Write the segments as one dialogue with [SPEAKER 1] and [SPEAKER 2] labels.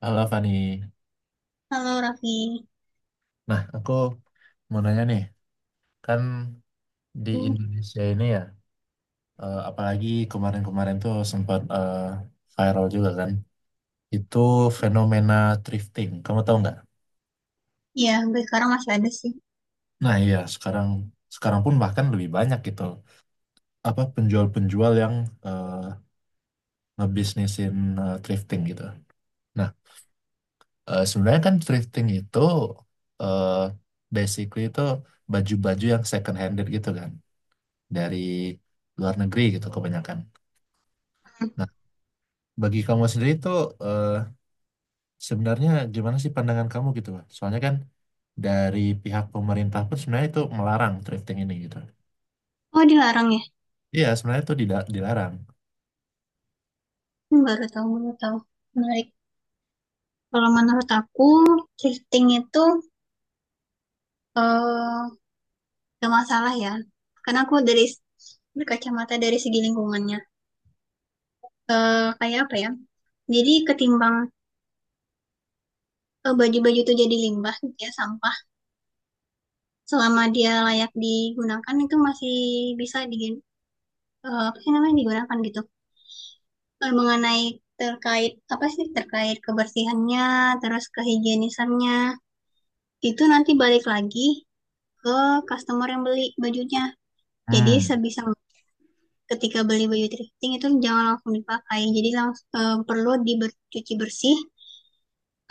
[SPEAKER 1] Halo Fani.
[SPEAKER 2] Halo Raffi.
[SPEAKER 1] Nah, aku mau nanya nih, kan di
[SPEAKER 2] Hmm,
[SPEAKER 1] Indonesia ini ya, apalagi kemarin-kemarin tuh sempat viral juga kan, itu fenomena thrifting. Kamu tahu nggak?
[SPEAKER 2] Ya, gue sekarang masih ada sih.
[SPEAKER 1] Nah iya, sekarang sekarang pun bahkan lebih banyak gitu, apa penjual-penjual yang eh, ngebisnisin thrifting gitu. Nah, sebenarnya kan thrifting itu eh, basically itu baju-baju yang second handed gitu kan, dari luar negeri gitu kebanyakan.
[SPEAKER 2] Hmm.
[SPEAKER 1] Nah, bagi kamu sendiri itu eh, sebenarnya gimana sih pandangan kamu gitu, Pak? Soalnya kan dari pihak pemerintah pun sebenarnya itu melarang thrifting ini gitu.
[SPEAKER 2] Oh, dilarang ya?
[SPEAKER 1] Iya, sebenarnya itu dilarang.
[SPEAKER 2] Baru tahu, baru tahu. Menarik. Kalau menurut aku, thrifting itu eh gak masalah ya. Karena aku dari berkacamata dari segi lingkungannya. Kayak apa ya? Jadi ketimbang baju-baju itu jadi limbah gitu ya, sampah. Selama dia layak digunakan itu masih bisa apa sih namanya digunakan gitu. Mengenai terkait apa sih terkait kebersihannya terus kehigienisannya itu nanti balik lagi ke customer yang beli bajunya, jadi
[SPEAKER 1] Hmm.
[SPEAKER 2] sebisa mungkin ketika beli baju thrifting itu jangan langsung dipakai, jadi langsung perlu dicuci bersih,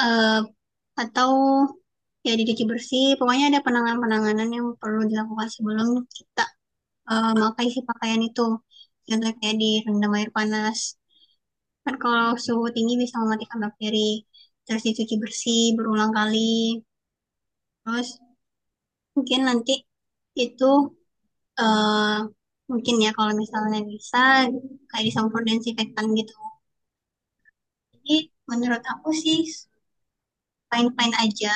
[SPEAKER 2] eh, atau ya dicuci bersih, pokoknya ada penanganan-penanganan yang perlu dilakukan sebelum kita memakai si pakaian itu, contohnya kayak direndam air panas. Kan kalau suhu tinggi bisa mematikan bakteri. Terus dicuci bersih berulang kali. Terus mungkin nanti itu eh mungkin ya kalau misalnya bisa kayak disemprot disinfektan gitu. Jadi menurut aku sih fine-fine aja.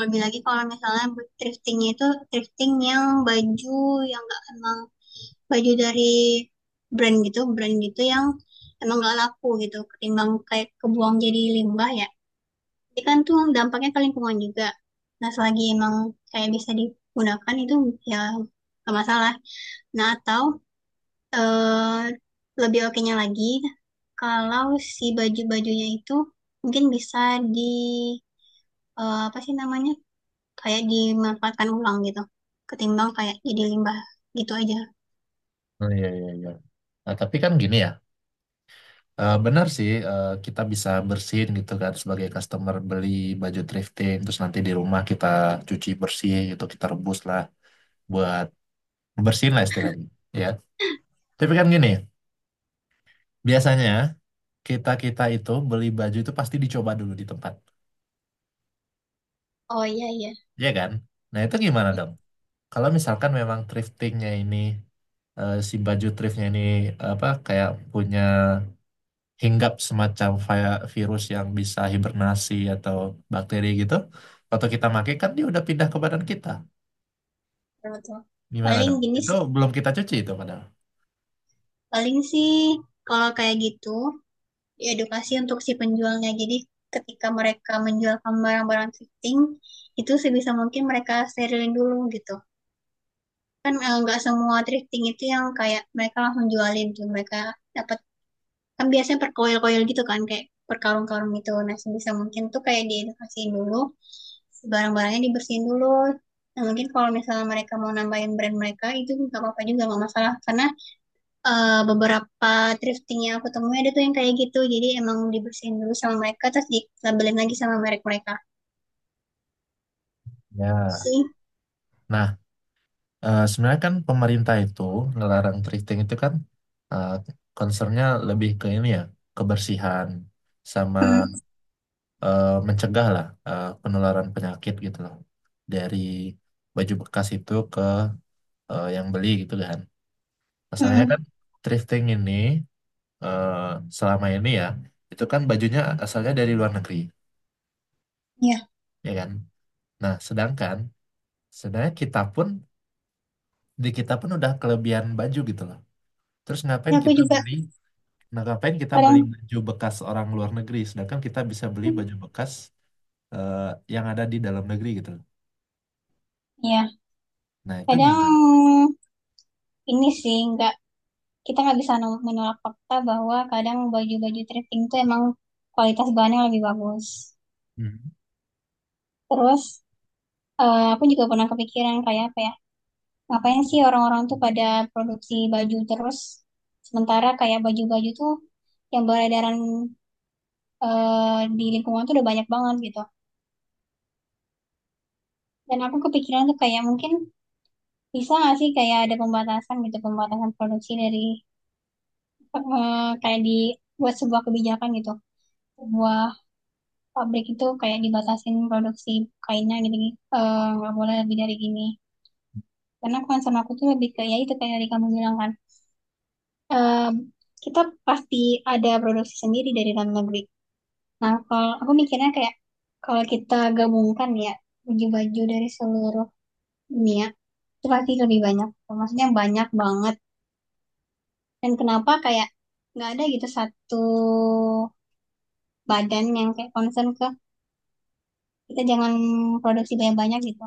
[SPEAKER 2] Lebih lagi kalau misalnya buat thriftingnya itu thrifting yang baju yang nggak, emang baju dari brand gitu yang emang nggak laku gitu. Ketimbang kayak kebuang jadi limbah ya. Jadi kan tuh dampaknya ke lingkungan juga. Nah, selagi emang kayak bisa digunakan itu ya nggak masalah. Nah, atau eh, lebih oke-nya lagi, kalau si baju-bajunya itu mungkin bisa di, apa sih namanya, kayak dimanfaatkan ulang gitu, ketimbang kayak jadi limbah gitu aja.
[SPEAKER 1] Oh, iya, iya, iya. Nah, tapi kan gini ya, benar sih kita bisa bersihin gitu kan sebagai customer beli baju thrifting, terus nanti di rumah kita cuci bersih gitu, kita rebus lah buat bersihin lah istilahnya. Ya. Tapi kan gini, biasanya kita-kita itu beli baju itu pasti dicoba dulu di tempat.
[SPEAKER 2] Oh iya iya,
[SPEAKER 1] Iya kan? Nah itu gimana dong? Kalau misalkan memang thriftingnya ini si baju thriftnya ini apa kayak punya hinggap semacam virus yang bisa hibernasi atau bakteri gitu, waktu kita pakai kan dia udah pindah ke badan kita.
[SPEAKER 2] betul. Betul.
[SPEAKER 1] Gimana
[SPEAKER 2] Paling
[SPEAKER 1] dong?
[SPEAKER 2] gini
[SPEAKER 1] Itu
[SPEAKER 2] sih,
[SPEAKER 1] belum kita cuci itu padahal.
[SPEAKER 2] paling sih kalau kayak gitu. Ya, edukasi untuk si penjualnya. Jadi ketika mereka menjualkan barang-barang thrifting, itu sebisa mungkin mereka sterilin dulu gitu. Kan nggak semua thrifting itu yang kayak mereka langsung jualin tuh. Mereka dapat kan biasanya per koil-koil gitu kan, kayak per karung-karung gitu. Nah, sebisa mungkin tuh kayak diedukasiin dulu. Si barang-barangnya dibersihin dulu. Nah, mungkin kalau misalnya mereka mau nambahin brand mereka itu nggak apa-apa, juga nggak masalah karena beberapa thrifting yang aku temuin ada tuh yang kayak gitu. Jadi emang dibersihin dulu sama mereka terus dilabelin lagi sama merek mereka
[SPEAKER 1] Ya.
[SPEAKER 2] sih.
[SPEAKER 1] Nah, sebenarnya kan pemerintah itu ngelarang thrifting itu kan eh concernnya lebih ke ini ya, kebersihan sama
[SPEAKER 2] Hmm,
[SPEAKER 1] mencegah lah penularan penyakit gitu loh dari baju bekas itu ke yang beli gitu kan. Masalahnya
[SPEAKER 2] hmm,
[SPEAKER 1] kan thrifting ini eh, selama ini ya itu kan bajunya asalnya dari luar negeri
[SPEAKER 2] ya.
[SPEAKER 1] ya kan. Nah sedangkan sebenarnya kita pun di kita pun udah kelebihan baju gitu loh. Terus
[SPEAKER 2] Ya,
[SPEAKER 1] ngapain
[SPEAKER 2] aku
[SPEAKER 1] kita
[SPEAKER 2] juga
[SPEAKER 1] beli? Nah, ngapain kita beli
[SPEAKER 2] kadang,
[SPEAKER 1] baju bekas orang luar negeri, sedangkan kita bisa beli baju bekas eh, yang ada di dalam negeri gitu loh.
[SPEAKER 2] ya
[SPEAKER 1] Nah, itu gimana?
[SPEAKER 2] kadang ini sih nggak kita nggak bisa no- menolak fakta bahwa kadang baju-baju thrifting tuh emang kualitas bahannya lebih bagus.
[SPEAKER 1] Hmm.
[SPEAKER 2] Terus aku juga pernah kepikiran kayak apa ya? Ngapain sih orang-orang tuh pada produksi baju terus sementara kayak baju-baju tuh yang beredaran di lingkungan tuh udah banyak banget gitu. Dan aku kepikiran tuh kayak mungkin bisa nggak sih kayak ada pembatasan gitu, pembatasan produksi dari, kayak di buat sebuah kebijakan gitu. Sebuah pabrik itu kayak dibatasin produksi kainnya gitu, gitu. Eh, nggak boleh lebih dari gini. Karena concern aku tuh lebih ke ya itu kayak dari kamu bilang kan. Eh, Kita pasti ada produksi sendiri dari dalam negeri. Nah, kalau aku mikirnya kayak kalau kita gabungkan ya baju-baju dari seluruh dunia itu pasti lebih banyak, maksudnya banyak banget, dan kenapa kayak nggak ada gitu satu badan yang kayak concern ke kita jangan produksi banyak-banyak gitu.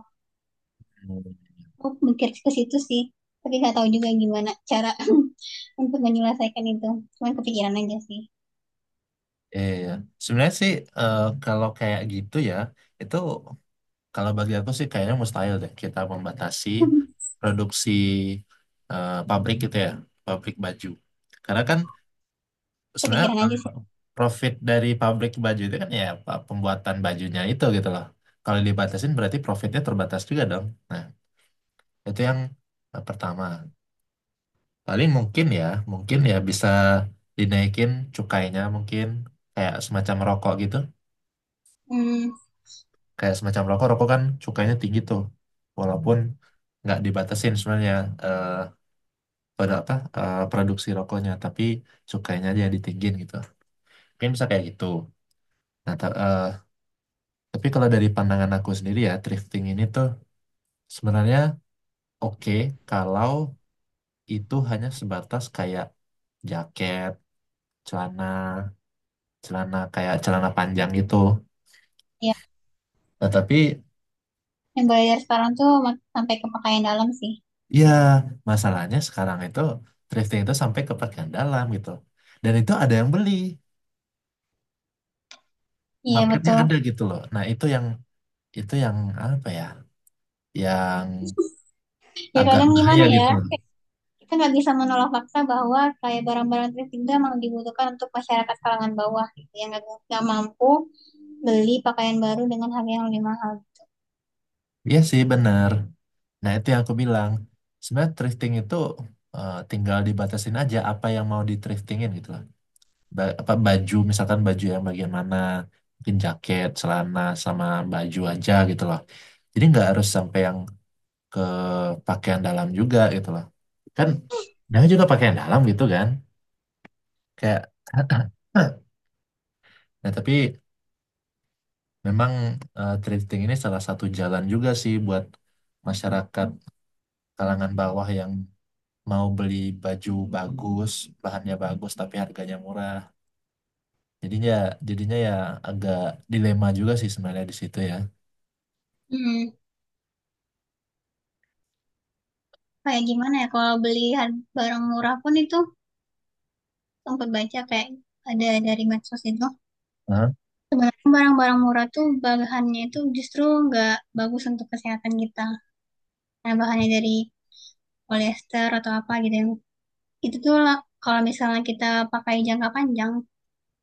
[SPEAKER 2] Aku mikir ke situ sih, tapi nggak tahu juga gimana cara untuk menyelesaikan itu, cuman kepikiran aja sih.
[SPEAKER 1] Iya, iya. Sebenarnya sih kalau kayak gitu ya, itu kalau bagi aku sih kayaknya mustahil deh kita membatasi produksi pabrik gitu ya, pabrik baju. Karena kan sebenarnya
[SPEAKER 2] Kepikiran aja sih.
[SPEAKER 1] profit dari pabrik baju itu kan ya pembuatan bajunya itu gitu loh. Kalau dibatasin berarti profitnya terbatas juga dong. Nah, itu yang pertama. Paling mungkin ya, bisa dinaikin cukainya mungkin kayak semacam rokok gitu,
[SPEAKER 2] Hmm,
[SPEAKER 1] kayak semacam rokok rokok kan cukainya tinggi tuh, walaupun nggak dibatasin sebenarnya eh pada apa produksi rokoknya, tapi cukainya aja yang ditinggin gitu, mungkin bisa kayak gitu. Nah tapi kalau dari pandangan aku sendiri ya, thrifting ini tuh sebenarnya oke kalau itu hanya sebatas kayak jaket, celana, celana kayak celana panjang gitu.
[SPEAKER 2] ya,
[SPEAKER 1] Nah tapi.
[SPEAKER 2] yang bayar sekarang tuh mak- sampai ke pakaian dalam sih.
[SPEAKER 1] Ya, masalahnya sekarang itu thrifting itu sampai ke bagian dalam gitu. Dan itu ada yang beli,
[SPEAKER 2] Iya
[SPEAKER 1] marketnya
[SPEAKER 2] betul.
[SPEAKER 1] ada gitu loh. Nah, itu yang itu yang apa ya? Yang
[SPEAKER 2] Ya
[SPEAKER 1] agak
[SPEAKER 2] kadang gimana
[SPEAKER 1] bahaya
[SPEAKER 2] ya,
[SPEAKER 1] gitu.
[SPEAKER 2] kita nggak bisa menolak fakta bahwa kayak barang-barang tertinggal memang dibutuhkan untuk masyarakat kalangan bawah gitu yang nggak mampu beli pakaian baru dengan harga yang lebih mahal.
[SPEAKER 1] Iya sih bener. Nah, itu yang aku bilang. Sebenarnya thrifting itu tinggal dibatasin aja apa yang mau di thriftingin gitu loh. Apa baju, misalkan baju yang bagian mana, mungkin jaket, celana sama baju aja gitu loh. Jadi nggak harus sampai yang ke pakaian dalam juga gitu loh, kan namanya juga pakaian dalam gitu kan, kayak nah tapi memang thrifting ini salah satu jalan juga sih buat masyarakat kalangan bawah yang mau beli baju bagus, bahannya bagus tapi harganya murah, jadinya jadinya ya agak dilema juga sih sebenarnya di situ ya.
[SPEAKER 2] Hmm, kayak gimana ya kalau beli har- barang murah pun itu, sempat baca kayak ada dari medsos itu
[SPEAKER 1] Hah?
[SPEAKER 2] sebenarnya barang-barang murah tuh bahannya itu justru nggak bagus untuk kesehatan kita. Nah, bahannya dari polyester atau apa gitu yang itu tuh lah, kalau misalnya kita pakai jangka panjang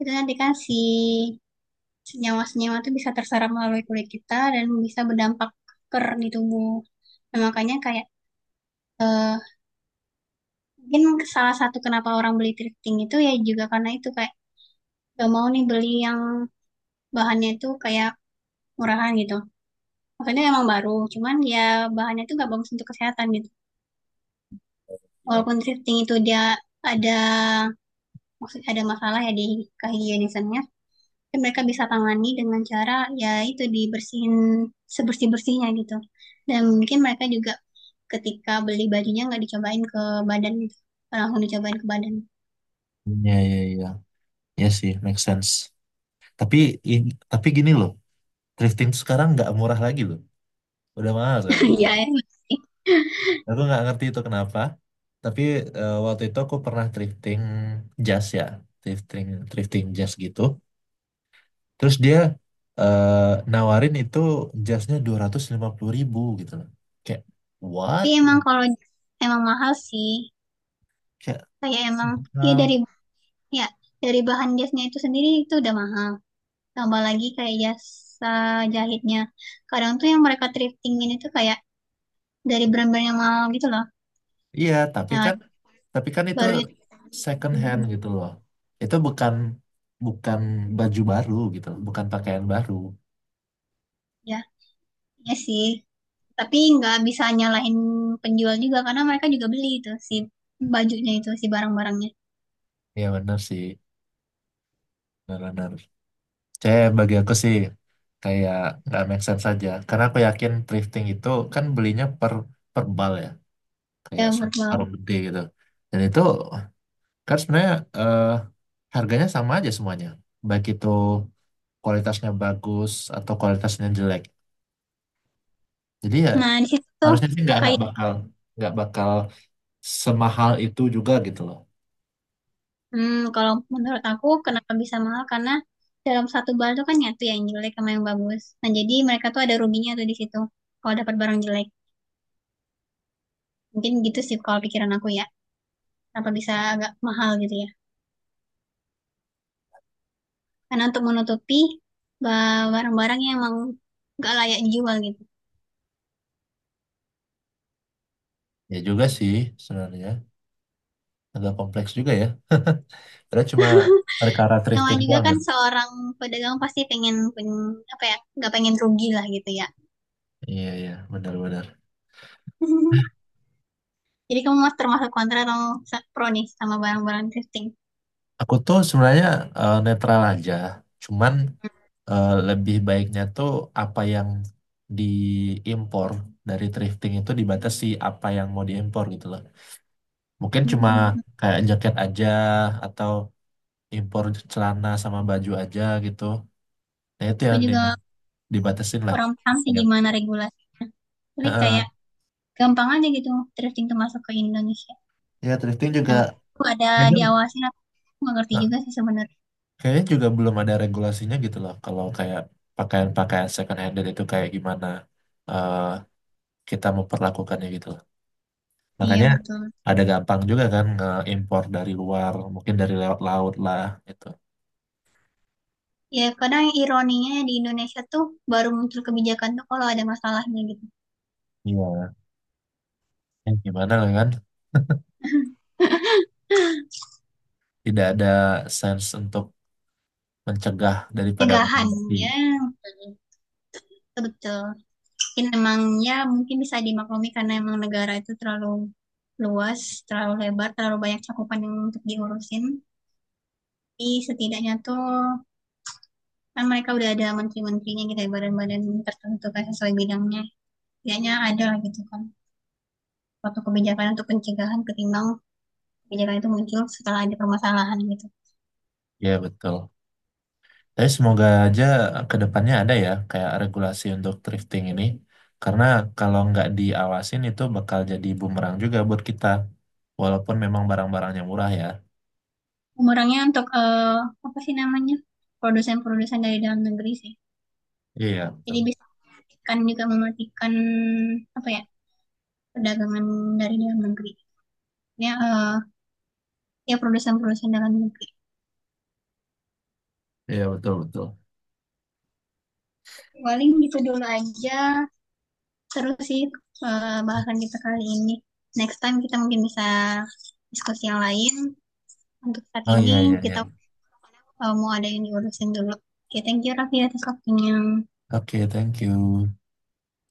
[SPEAKER 2] itu nanti kan si senyawa-senyawa itu bisa terserap melalui kulit kita dan bisa berdampak ker di tubuh. Nah, makanya kayak mungkin salah satu kenapa orang beli thrifting itu ya juga karena itu, kayak gak mau nih beli yang bahannya itu kayak murahan gitu. Makanya emang baru, cuman ya bahannya itu gak bagus untuk kesehatan gitu. Walaupun thrifting itu dia ada, maksudnya ada masalah ya di kehigienisannya, tapi mereka bisa tangani dengan cara ya itu dibersihin sebersih-bersihnya gitu. Dan mungkin mereka juga ketika beli bajunya nggak dicobain ke badan gitu. Langsung dicobain ke badan.
[SPEAKER 1] Iya, iya, iya. Iya. Iya sih, make sense. Tapi tapi gini loh, thrifting tuh sekarang nggak murah lagi loh. Udah mahal sekarang.
[SPEAKER 2] Ya emang sih.
[SPEAKER 1] Aku nggak ngerti itu kenapa, tapi waktu itu aku pernah thrifting jas ya, thrifting thrifting jas gitu. Terus dia eh, nawarin itu jasnya 250 ribu gitu loh. Kayak what?
[SPEAKER 2] Tapi emang kalau emang mahal sih.
[SPEAKER 1] Kayak
[SPEAKER 2] Kayak emang ya
[SPEAKER 1] mahal.
[SPEAKER 2] dari, ya dari bahan jasnya itu sendiri itu udah mahal. Tambah lagi kayak jasa jahitnya. Kadang tuh yang mereka thriftingin itu kayak dari brand-brand yang mahal gitu loh.
[SPEAKER 1] Iya, tapi
[SPEAKER 2] Nah,
[SPEAKER 1] kan itu
[SPEAKER 2] barunya,
[SPEAKER 1] second hand gitu loh. Itu bukan bukan baju baru gitu loh, bukan pakaian baru.
[SPEAKER 2] ya, ya sih. Tapi nggak bisa nyalahin penjual juga karena mereka juga beli itu si bajunya itu si barang-barangnya,
[SPEAKER 1] Ya benar sih, benar-benar. C Bagi aku sih kayak nggak make sense saja. Karena aku yakin thrifting itu kan belinya per per bal ya, kayak
[SPEAKER 2] ya
[SPEAKER 1] satu
[SPEAKER 2] verbal.
[SPEAKER 1] karung gede gitu. Dan itu kan sebenarnya eh, harganya sama aja semuanya, baik itu kualitasnya bagus atau kualitasnya jelek. Jadi ya
[SPEAKER 2] Nah di situ tuh
[SPEAKER 1] harusnya sih nggak nggak
[SPEAKER 2] kayak,
[SPEAKER 1] bakal nggak bakal semahal itu juga gitu loh.
[SPEAKER 2] hmm, kalau menurut aku kenapa bisa mahal karena dalam satu bar itu kan nyatu ya yang jelek sama yang bagus. Nah jadi mereka tuh ada ruginya tuh di situ kalau dapat barang jelek. Mungkin gitu sih kalau pikiran aku ya. Kenapa bisa agak mahal gitu ya? Karena untuk menutupi ba- barang-barang yang emang nggak layak dijual gitu.
[SPEAKER 1] Ya juga sih, sebenarnya agak kompleks juga ya. Karena cuma perkara thrifting
[SPEAKER 2] Namanya juga
[SPEAKER 1] doang
[SPEAKER 2] kan
[SPEAKER 1] gitu.
[SPEAKER 2] seorang pedagang pasti pengen, pengen apa ya, nggak pengen rugi lah gitu ya.
[SPEAKER 1] Iya iya benar-benar.
[SPEAKER 2] Jadi kamu mas termasuk kontra atau sa- pro nih sama barang-barang thrifting.
[SPEAKER 1] Aku tuh sebenarnya netral aja, cuman lebih baiknya tuh apa yang diimpor dari thrifting itu dibatasi apa yang mau diimpor gitu loh. Mungkin cuma kayak jaket aja, atau impor celana sama baju aja gitu. Nah itu
[SPEAKER 2] Aku
[SPEAKER 1] yang, yang
[SPEAKER 2] juga
[SPEAKER 1] dibatasin lah.
[SPEAKER 2] kurang paham sih
[SPEAKER 1] Ya,
[SPEAKER 2] gimana regulasi. Tapi
[SPEAKER 1] heeh.
[SPEAKER 2] kayak gampang aja gitu thrifting termasuk ke Indonesia.
[SPEAKER 1] Ya, thrifting juga
[SPEAKER 2] Nah, itu ada
[SPEAKER 1] kayaknya,
[SPEAKER 2] diawasin apa? Aku nggak ngerti
[SPEAKER 1] nah,
[SPEAKER 2] juga sih sebenarnya.
[SPEAKER 1] kayaknya juga belum ada regulasinya gitu loh. Kalau kayak pakaian-pakaian second handed itu kayak gimana eh, kita memperlakukannya gitu loh.
[SPEAKER 2] Iya
[SPEAKER 1] Makanya
[SPEAKER 2] betul.
[SPEAKER 1] ada gampang juga kan nge-impor dari luar, mungkin dari lewat laut lah gitu.
[SPEAKER 2] Ya kadang ironinya di Indonesia tuh baru muncul kebijakan tuh kalau ada masalahnya gitu.
[SPEAKER 1] Iya. Gimana lah kan? Tidak ada sense untuk mencegah daripada
[SPEAKER 2] Cegahan,
[SPEAKER 1] mengobati.
[SPEAKER 2] ya betul. Betul. Mungkin emang ya mungkin bisa dimaklumi karena emang negara itu terlalu luas, terlalu lebar, terlalu banyak cakupan yang untuk diurusin. Tapi setidaknya tuh kan mereka udah ada menteri-menterinya gitu ya, badan-badan tertentu kan sesuai bidangnya. Setidaknya ada lah gitu kan. Suatu kebijakan untuk pencegahan ketimbang kebijakan itu muncul setelah ada permasalahan gitu.
[SPEAKER 1] Ya betul. Tapi semoga aja ke depannya ada ya kayak regulasi untuk thrifting ini. Karena kalau nggak diawasin itu bakal jadi bumerang juga buat kita. Walaupun memang barang-barangnya murah ya.
[SPEAKER 2] Umurnya untuk apa sih namanya? Produsen-produsen dari dalam negeri sih.
[SPEAKER 1] Iya,
[SPEAKER 2] Jadi
[SPEAKER 1] betul.
[SPEAKER 2] bisa mematikan juga, mematikan apa ya, perdagangan dari dalam negeri. Ya ya produsen-produsen dalam negeri.
[SPEAKER 1] Iya, betul, betul.
[SPEAKER 2] Paling gitu dulu aja terus sih, bahasan kita kali ini. Next time kita mungkin bisa diskusi yang lain. Untuk saat
[SPEAKER 1] Oh
[SPEAKER 2] ini
[SPEAKER 1] iya, iya,
[SPEAKER 2] kita
[SPEAKER 1] iya.
[SPEAKER 2] mau ada yang diurusin dulu. Oke, okay, thank you Raffi atas waktunya.
[SPEAKER 1] Oke, thank you.